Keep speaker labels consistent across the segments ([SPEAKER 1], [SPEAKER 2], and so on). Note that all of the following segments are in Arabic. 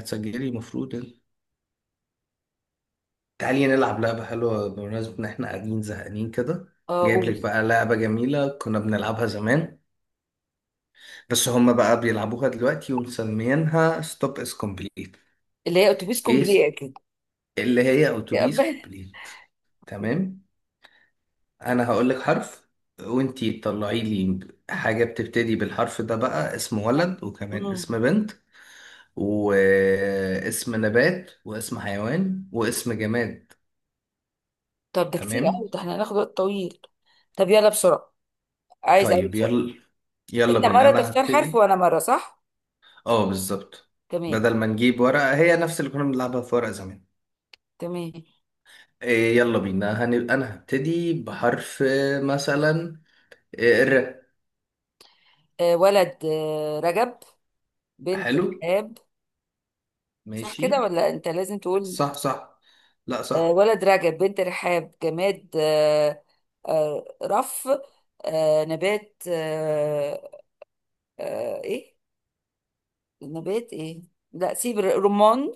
[SPEAKER 1] هتسجلي المفروض انت. تعالي نلعب لعبة حلوة بمناسبة إن إحنا قاعدين زهقانين كده.
[SPEAKER 2] اه
[SPEAKER 1] جايب لك
[SPEAKER 2] قول.
[SPEAKER 1] بقى لعبة جميلة كنا بنلعبها زمان، بس هما بقى بيلعبوها دلوقتي ومسميينها ستوب إز كومبليت.
[SPEAKER 2] اللي هي اتوبيس
[SPEAKER 1] إيه،
[SPEAKER 2] كومبلي اكيد.
[SPEAKER 1] اللي هي
[SPEAKER 2] يا
[SPEAKER 1] أوتوبيس
[SPEAKER 2] أبا.
[SPEAKER 1] كومبليت. تمام. أنا هقول لك حرف، وإنتي تطلعي لي حاجة بتبتدي بالحرف ده، بقى اسم ولد وكمان
[SPEAKER 2] مم.
[SPEAKER 1] اسم بنت واسم نبات واسم حيوان واسم جماد.
[SPEAKER 2] طب ده كتير
[SPEAKER 1] تمام.
[SPEAKER 2] قوي، ده احنا هناخد وقت طويل. طب يلا بسرعه. عايز اقول
[SPEAKER 1] طيب
[SPEAKER 2] سؤال.
[SPEAKER 1] يلا. يلا
[SPEAKER 2] انت
[SPEAKER 1] بينا
[SPEAKER 2] مره
[SPEAKER 1] انا
[SPEAKER 2] تختار حرف
[SPEAKER 1] هبتدي.
[SPEAKER 2] وانا مره، صح؟
[SPEAKER 1] اه، بالظبط.
[SPEAKER 2] تمام.
[SPEAKER 1] بدل ما نجيب ورقة، هي نفس اللي كنا بنلعبها في ورقة زمان.
[SPEAKER 2] تمام.
[SPEAKER 1] إيه يلا بينا انا هبتدي بحرف، مثلا. إيه الر.
[SPEAKER 2] ولد، رجب، بنت
[SPEAKER 1] حلو.
[SPEAKER 2] رحاب. صح كده
[SPEAKER 1] ماشي.
[SPEAKER 2] ولا انت لازم تقول؟
[SPEAKER 1] صح، صح. لا، صح.
[SPEAKER 2] ولد رجب، بنت رحاب، جماد، رف. نبات، ايه نبات ايه. لا سيب، رمان.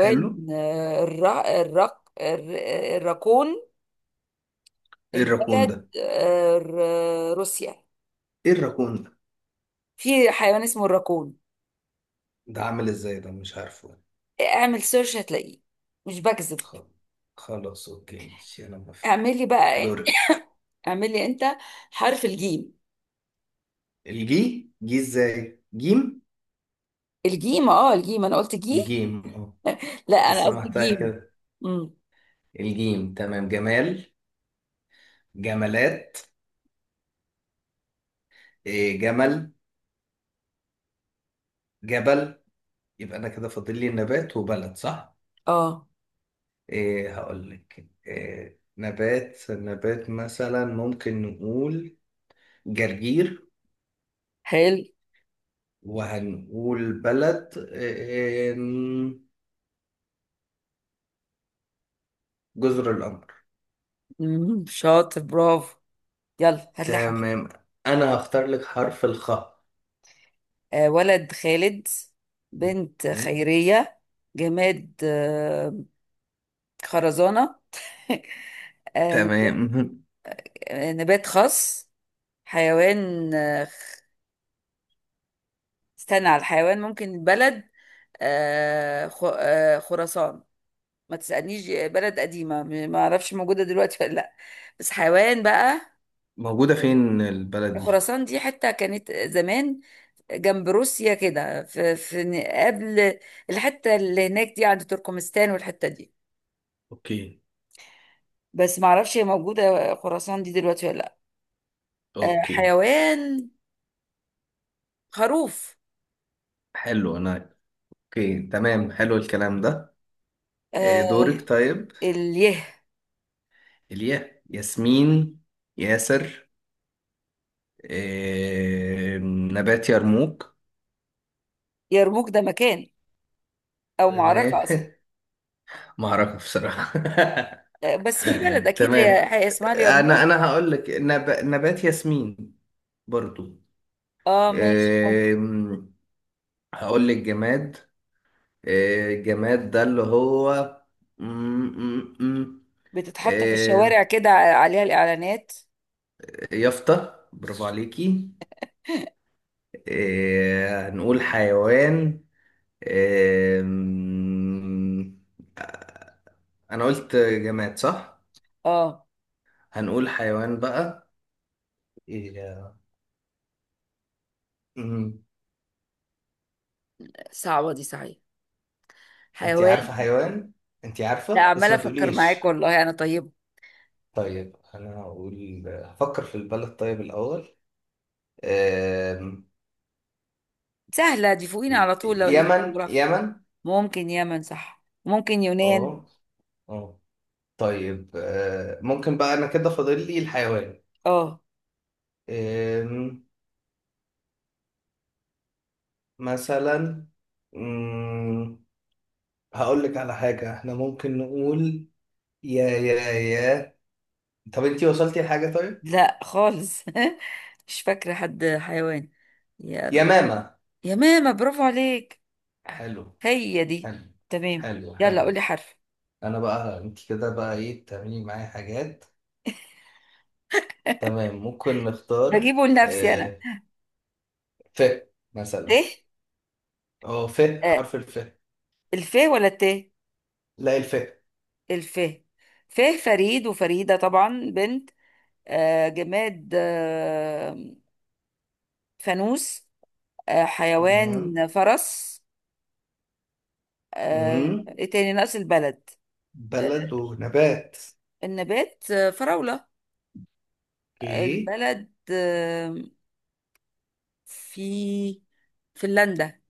[SPEAKER 1] حلو.
[SPEAKER 2] الراكون.
[SPEAKER 1] ايه الراكون
[SPEAKER 2] البلد،
[SPEAKER 1] ده؟
[SPEAKER 2] روسيا.
[SPEAKER 1] ايه الراكون ده؟
[SPEAKER 2] في حيوان اسمه الراكون.
[SPEAKER 1] ده عامل ازاي ده؟ مش عارفه.
[SPEAKER 2] اعمل سيرش هتلاقيه. مش بكذب.
[SPEAKER 1] خل- خلاص، اوكي ماشي انا موافق.
[SPEAKER 2] اعملي بقى.
[SPEAKER 1] دورك.
[SPEAKER 2] اعملي انت. حرف الجيم.
[SPEAKER 1] الجي جي ازاي جيم؟
[SPEAKER 2] الجيم، اه الجيم، انا قلت جي.
[SPEAKER 1] الجيم، اه.
[SPEAKER 2] لا، انا
[SPEAKER 1] حاسه
[SPEAKER 2] قصدي
[SPEAKER 1] محتاجة
[SPEAKER 2] جيم.
[SPEAKER 1] كده.
[SPEAKER 2] امم.
[SPEAKER 1] الجيم، تمام. جمال. جمالات. إيه جمل. جبل. يبقى انا كده فاضل لي نبات وبلد، صح؟
[SPEAKER 2] اه.
[SPEAKER 1] إيه، هقول لك إيه نبات. نبات مثلا ممكن نقول جرجير.
[SPEAKER 2] حلو.
[SPEAKER 1] وهنقول بلد إيه؟ جزر القمر.
[SPEAKER 2] امم، شاطر، برافو. يلا هات لي حاجة.
[SPEAKER 1] تمام. انا هختار لك حرف الخاء.
[SPEAKER 2] ولد خالد، بنت
[SPEAKER 1] مم.
[SPEAKER 2] خيرية، جماد، خرزانة. آه،
[SPEAKER 1] تمام.
[SPEAKER 2] نبات خاص. حيوان، استنى على الحيوان، ممكن بلد، خراسان. ما تسألنيش، بلد قديمة، ما أعرفش موجودة دلوقتي ولا لأ. بس حيوان بقى.
[SPEAKER 1] موجودة فين البلد دي؟
[SPEAKER 2] خراسان دي حتة كانت زمان، جنب روسيا كده، في قبل. الحتة اللي هناك دي عند تركمستان، والحتة دي.
[SPEAKER 1] اوكي.
[SPEAKER 2] بس ما اعرفش هي موجوده خراسان دي دلوقتي ولا لا.
[SPEAKER 1] اوكي.
[SPEAKER 2] حيوان خروف.
[SPEAKER 1] حلو، انا... اوكي تمام، حلو الكلام ده.
[SPEAKER 2] آه
[SPEAKER 1] دورك طيب.
[SPEAKER 2] اليه.
[SPEAKER 1] إليا ياسمين. ياسر. نبات يرموك.
[SPEAKER 2] يرموك ده مكان، او معركه اصلا.
[SPEAKER 1] تمام. معركة بصراحة.
[SPEAKER 2] بس في بلد اكيد هي
[SPEAKER 1] تمام.
[SPEAKER 2] هي اسمها
[SPEAKER 1] أنا
[SPEAKER 2] اليرموك.
[SPEAKER 1] أنا هقول لك نبات ياسمين برضو.
[SPEAKER 2] اه ماشي، ممكن.
[SPEAKER 1] آم، هقول لك جماد. الجماد ده اللي هو م- م- م-
[SPEAKER 2] بتتحط في
[SPEAKER 1] آه،
[SPEAKER 2] الشوارع كده عليها الاعلانات.
[SPEAKER 1] يافطة، برافو عليكي. هنقول حيوان. أم... انا قلت جماد صح؟
[SPEAKER 2] اه.
[SPEAKER 1] هنقول حيوان بقى. إيه... أم،
[SPEAKER 2] صعبه دي صحيح.
[SPEAKER 1] انت
[SPEAKER 2] حيوان.
[SPEAKER 1] عارفة حيوان. انت
[SPEAKER 2] لا
[SPEAKER 1] عارفة بس
[SPEAKER 2] عماله
[SPEAKER 1] ما
[SPEAKER 2] افكر
[SPEAKER 1] تقوليش.
[SPEAKER 2] معاك والله، انا طيبه.
[SPEAKER 1] طيب انا هقول... هفكر في البلد طيب الاول. أم...
[SPEAKER 2] سهله دي، فوقينا على طول لو ليك
[SPEAKER 1] يمن.
[SPEAKER 2] جغرافيا.
[SPEAKER 1] يمن.
[SPEAKER 2] ممكن يمن، صح؟ ممكن يونان.
[SPEAKER 1] اه. اه. طيب ممكن بقى. انا كده فاضل لي الحيوان.
[SPEAKER 2] اه.
[SPEAKER 1] أم... مثلا. أم... هقول لك على حاجة احنا ممكن نقول. يا. طب انتي وصلتي لحاجة طيب؟
[SPEAKER 2] لا خالص. مش فاكرة حد حيوان. يا
[SPEAKER 1] يا
[SPEAKER 2] ر...
[SPEAKER 1] ماما.
[SPEAKER 2] يا ماما، برافو عليك.
[SPEAKER 1] حلو.
[SPEAKER 2] هي دي.
[SPEAKER 1] حلو
[SPEAKER 2] تمام.
[SPEAKER 1] حلو
[SPEAKER 2] يلا
[SPEAKER 1] حلو.
[SPEAKER 2] قولي حرف.
[SPEAKER 1] انا بقى، انتي كده بقى ايه؟ تعملي معايا حاجات. تمام، ممكن نختار
[SPEAKER 2] هجيبه لنفسي انا.
[SPEAKER 1] آه. ف،
[SPEAKER 2] ت.
[SPEAKER 1] مثلا. اه ف.
[SPEAKER 2] آه.
[SPEAKER 1] حرف الف.
[SPEAKER 2] الف ولا الت؟
[SPEAKER 1] لا، الف.
[SPEAKER 2] الف. ف فريد وفريدة، طبعا بنت. جماد، فانوس.
[SPEAKER 1] تمام.
[SPEAKER 2] حيوان فرس.
[SPEAKER 1] مم.
[SPEAKER 2] ايه تاني، ناقص البلد. آه
[SPEAKER 1] بلد ونبات.
[SPEAKER 2] النبات، فراولة.
[SPEAKER 1] اوكي.
[SPEAKER 2] البلد، في، فنلندا.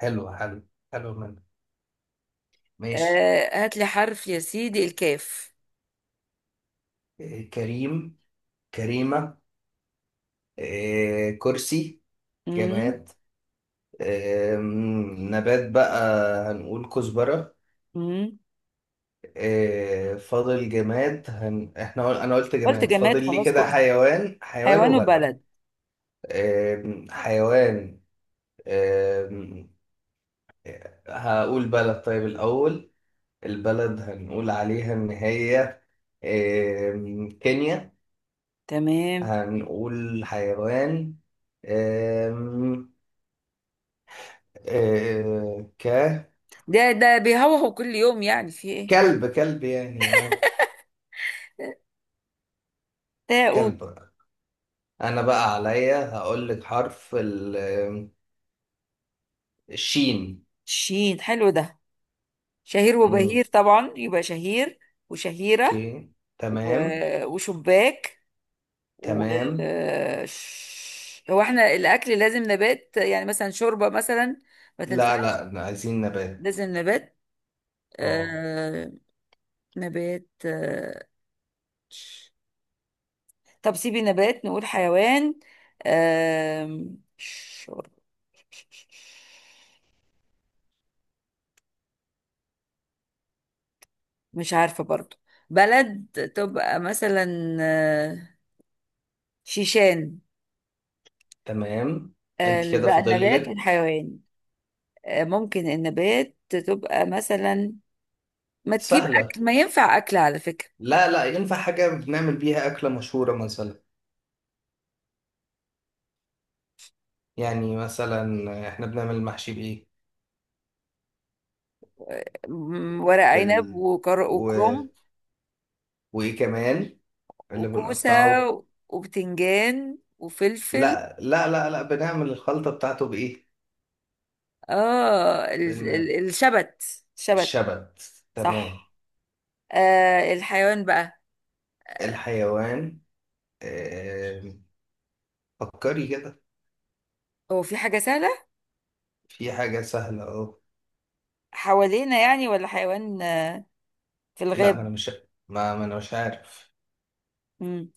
[SPEAKER 1] حلو حلو حلو منه. ماشي.
[SPEAKER 2] هات لي حرف يا سيدي، الكاف.
[SPEAKER 1] آه كريم. كريمة. آه كرسي.
[SPEAKER 2] مم.
[SPEAKER 1] جماد. نبات بقى. هنقول كزبرة.
[SPEAKER 2] مم.
[SPEAKER 1] فاضل جماد احنا انا قلت
[SPEAKER 2] قلت
[SPEAKER 1] جماد.
[SPEAKER 2] جماد،
[SPEAKER 1] فاضل لي
[SPEAKER 2] خلاص
[SPEAKER 1] كده
[SPEAKER 2] كنت.
[SPEAKER 1] حيوان. حيوان
[SPEAKER 2] حيوان
[SPEAKER 1] وبلد.
[SPEAKER 2] وبلد.
[SPEAKER 1] حيوان. آم، هقول بلد طيب الأول. البلد هنقول عليها إن هي كينيا.
[SPEAKER 2] تمام.
[SPEAKER 1] هنقول حيوان. آم، ك.
[SPEAKER 2] ده بيهوهو كل يوم، يعني في ايه؟
[SPEAKER 1] كلب، كلب يعني، اه.
[SPEAKER 2] تاؤد.
[SPEAKER 1] كلب. انا بقى عليا هقول لك حرف الشين.
[SPEAKER 2] شين حلو ده. شهير
[SPEAKER 1] مم.
[SPEAKER 2] وبهير، طبعا يبقى شهير وشهيرة.
[SPEAKER 1] اوكي تمام.
[SPEAKER 2] وشباك، و.
[SPEAKER 1] تمام.
[SPEAKER 2] هو احنا الاكل لازم نبات، يعني مثلا شوربة مثلا؟ ما
[SPEAKER 1] لا،
[SPEAKER 2] تنفعش.
[SPEAKER 1] لا، عايزين نبات.
[SPEAKER 2] لازم نبات.
[SPEAKER 1] اه.
[SPEAKER 2] آه... نبات، آه. طب سيبي نبات، نقول حيوان. آم، شر- مش عارفة برضو. بلد تبقى مثلا، شيشان.
[SPEAKER 1] تمام. انت كده
[SPEAKER 2] بقى
[SPEAKER 1] فاضل
[SPEAKER 2] النبات
[SPEAKER 1] لك.
[SPEAKER 2] والحيوان. ممكن النبات تبقى مثلا، ما تجيب
[SPEAKER 1] سهله.
[SPEAKER 2] أكل، ما ينفع أكل على فكرة.
[SPEAKER 1] لا لا، ينفع حاجه بنعمل بيها اكله مشهوره مثلا. يعني مثلا احنا بنعمل المحشي بايه؟
[SPEAKER 2] ورق عنب،
[SPEAKER 1] بال... و...
[SPEAKER 2] وكرنب
[SPEAKER 1] وايه كمان؟ اللي
[SPEAKER 2] وكوسة
[SPEAKER 1] بنقطعه.
[SPEAKER 2] وبتنجان وفلفل.
[SPEAKER 1] لا لا لا لا، بنعمل الخلطه بتاعته بايه؟
[SPEAKER 2] اه،
[SPEAKER 1] بن...
[SPEAKER 2] الشبت، شبت.
[SPEAKER 1] الشبت. تمام.
[SPEAKER 2] صح. الحيوان بقى.
[SPEAKER 1] الحيوان. آه، فكري كده.
[SPEAKER 2] هو في حاجة سهلة،
[SPEAKER 1] في حاجة سهلة أهو.
[SPEAKER 2] حوالينا يعني، ولا حيوان في
[SPEAKER 1] لا، ما
[SPEAKER 2] الغاب؟
[SPEAKER 1] أنا مش... ما أنا مش عارف.
[SPEAKER 2] مم.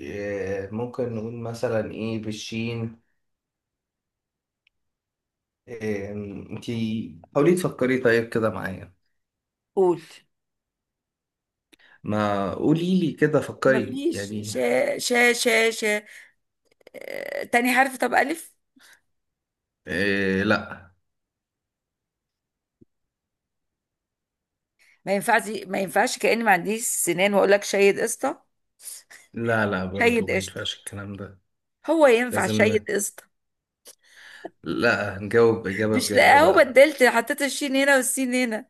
[SPEAKER 1] ممكن نقول مثلا إيه بالشين. آه، أنتي حاولي تفكري طيب كده معايا.
[SPEAKER 2] قول.
[SPEAKER 1] ما قولي لي كده، فكري
[SPEAKER 2] مفيش
[SPEAKER 1] يعني.
[SPEAKER 2] شا شا شا شا. تاني حرف طب، ألف.
[SPEAKER 1] لا.
[SPEAKER 2] ما ينفعش، ما ينفعش، كأني ما عنديش سنان وأقول لك شيد قشطة.
[SPEAKER 1] لا، لا، برضو
[SPEAKER 2] شيد
[SPEAKER 1] ما
[SPEAKER 2] قشطة.
[SPEAKER 1] ينفعش الكلام ده.
[SPEAKER 2] هو ينفع
[SPEAKER 1] لازم
[SPEAKER 2] شيد
[SPEAKER 1] ن...
[SPEAKER 2] قشطة؟
[SPEAKER 1] لا، نجاوب إجابة
[SPEAKER 2] مش
[SPEAKER 1] بجد
[SPEAKER 2] لاقيه، هو
[SPEAKER 1] بقى.
[SPEAKER 2] بدلت حطيت الشين هنا والسين هنا.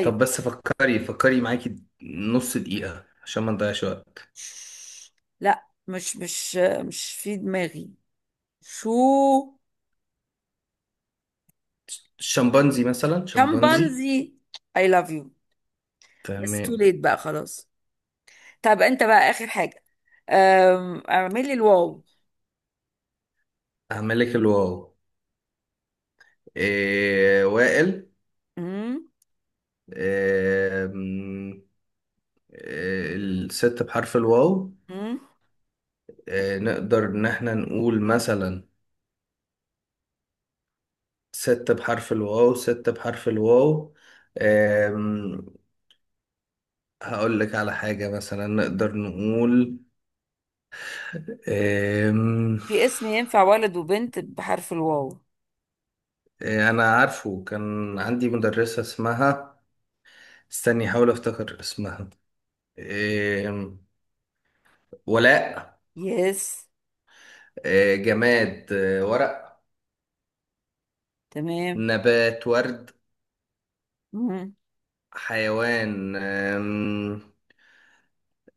[SPEAKER 1] طب بس فكري. فكري معاكي نص دقيقة عشان ما نضيعش وقت.
[SPEAKER 2] لا مش في دماغي. شو.
[SPEAKER 1] شمبانزي مثلا، شمبانزي.
[SPEAKER 2] شمبانزي. I love you. بس تو ليت
[SPEAKER 1] تمام.
[SPEAKER 2] بقى، خلاص. طب انت بقى اخر حاجه. اعملي الواو.
[SPEAKER 1] هعمل لك الواو. إيه وائل.
[SPEAKER 2] امم.
[SPEAKER 1] إيه م- إيه الست بحرف الواو؟
[SPEAKER 2] امم.
[SPEAKER 1] إيه نقدر إن احنا نقول مثلا ست بحرف الواو؟ ست بحرف الواو. إيه م- هقول لك على حاجة مثلا نقدر نقول. إيه م-
[SPEAKER 2] في اسم ينفع ولد وبنت بحرف الواو؟
[SPEAKER 1] إيه، أنا عارفه كان عندي مدرسة اسمها... استني أحاول أفتكر اسمها. إيه م- ولاء.
[SPEAKER 2] يس.
[SPEAKER 1] إيه جماد. إيه ورق.
[SPEAKER 2] تمام.
[SPEAKER 1] نبات ورد.
[SPEAKER 2] امم.
[SPEAKER 1] حيوان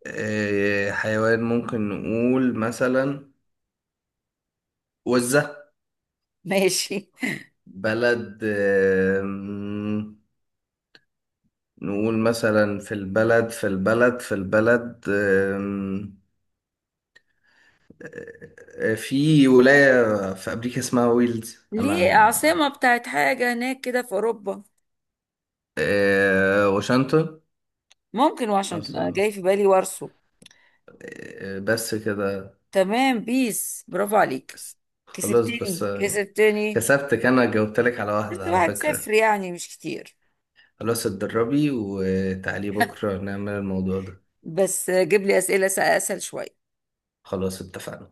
[SPEAKER 1] حيوان ممكن نقول مثلا وزة.
[SPEAKER 2] ماشي.
[SPEAKER 1] بلد نقول مثلا في البلد أم... في ولاية في أمريكا اسمها ويلز
[SPEAKER 2] ليه؟ عاصمه
[SPEAKER 1] أنا...
[SPEAKER 2] بتاعت حاجه هناك كده في اوروبا.
[SPEAKER 1] واشنطن.
[SPEAKER 2] ممكن واشنطن، انا
[SPEAKER 1] أصلاً.
[SPEAKER 2] جاي في بالي وارسو.
[SPEAKER 1] بس كده.
[SPEAKER 2] تمام، بيس، برافو عليك.
[SPEAKER 1] بس. خلاص بس
[SPEAKER 2] كسبتني كسبتني.
[SPEAKER 1] كسبتك. أنا جاوبتلك على
[SPEAKER 2] بس
[SPEAKER 1] واحدة على
[SPEAKER 2] واحد
[SPEAKER 1] فكرة.
[SPEAKER 2] صفر يعني مش كتير.
[SPEAKER 1] خلاص، اتدربي وتعالي بكرة نعمل الموضوع ده.
[SPEAKER 2] بس جيب لي اسئله اسهل شويه.
[SPEAKER 1] خلاص اتفقنا.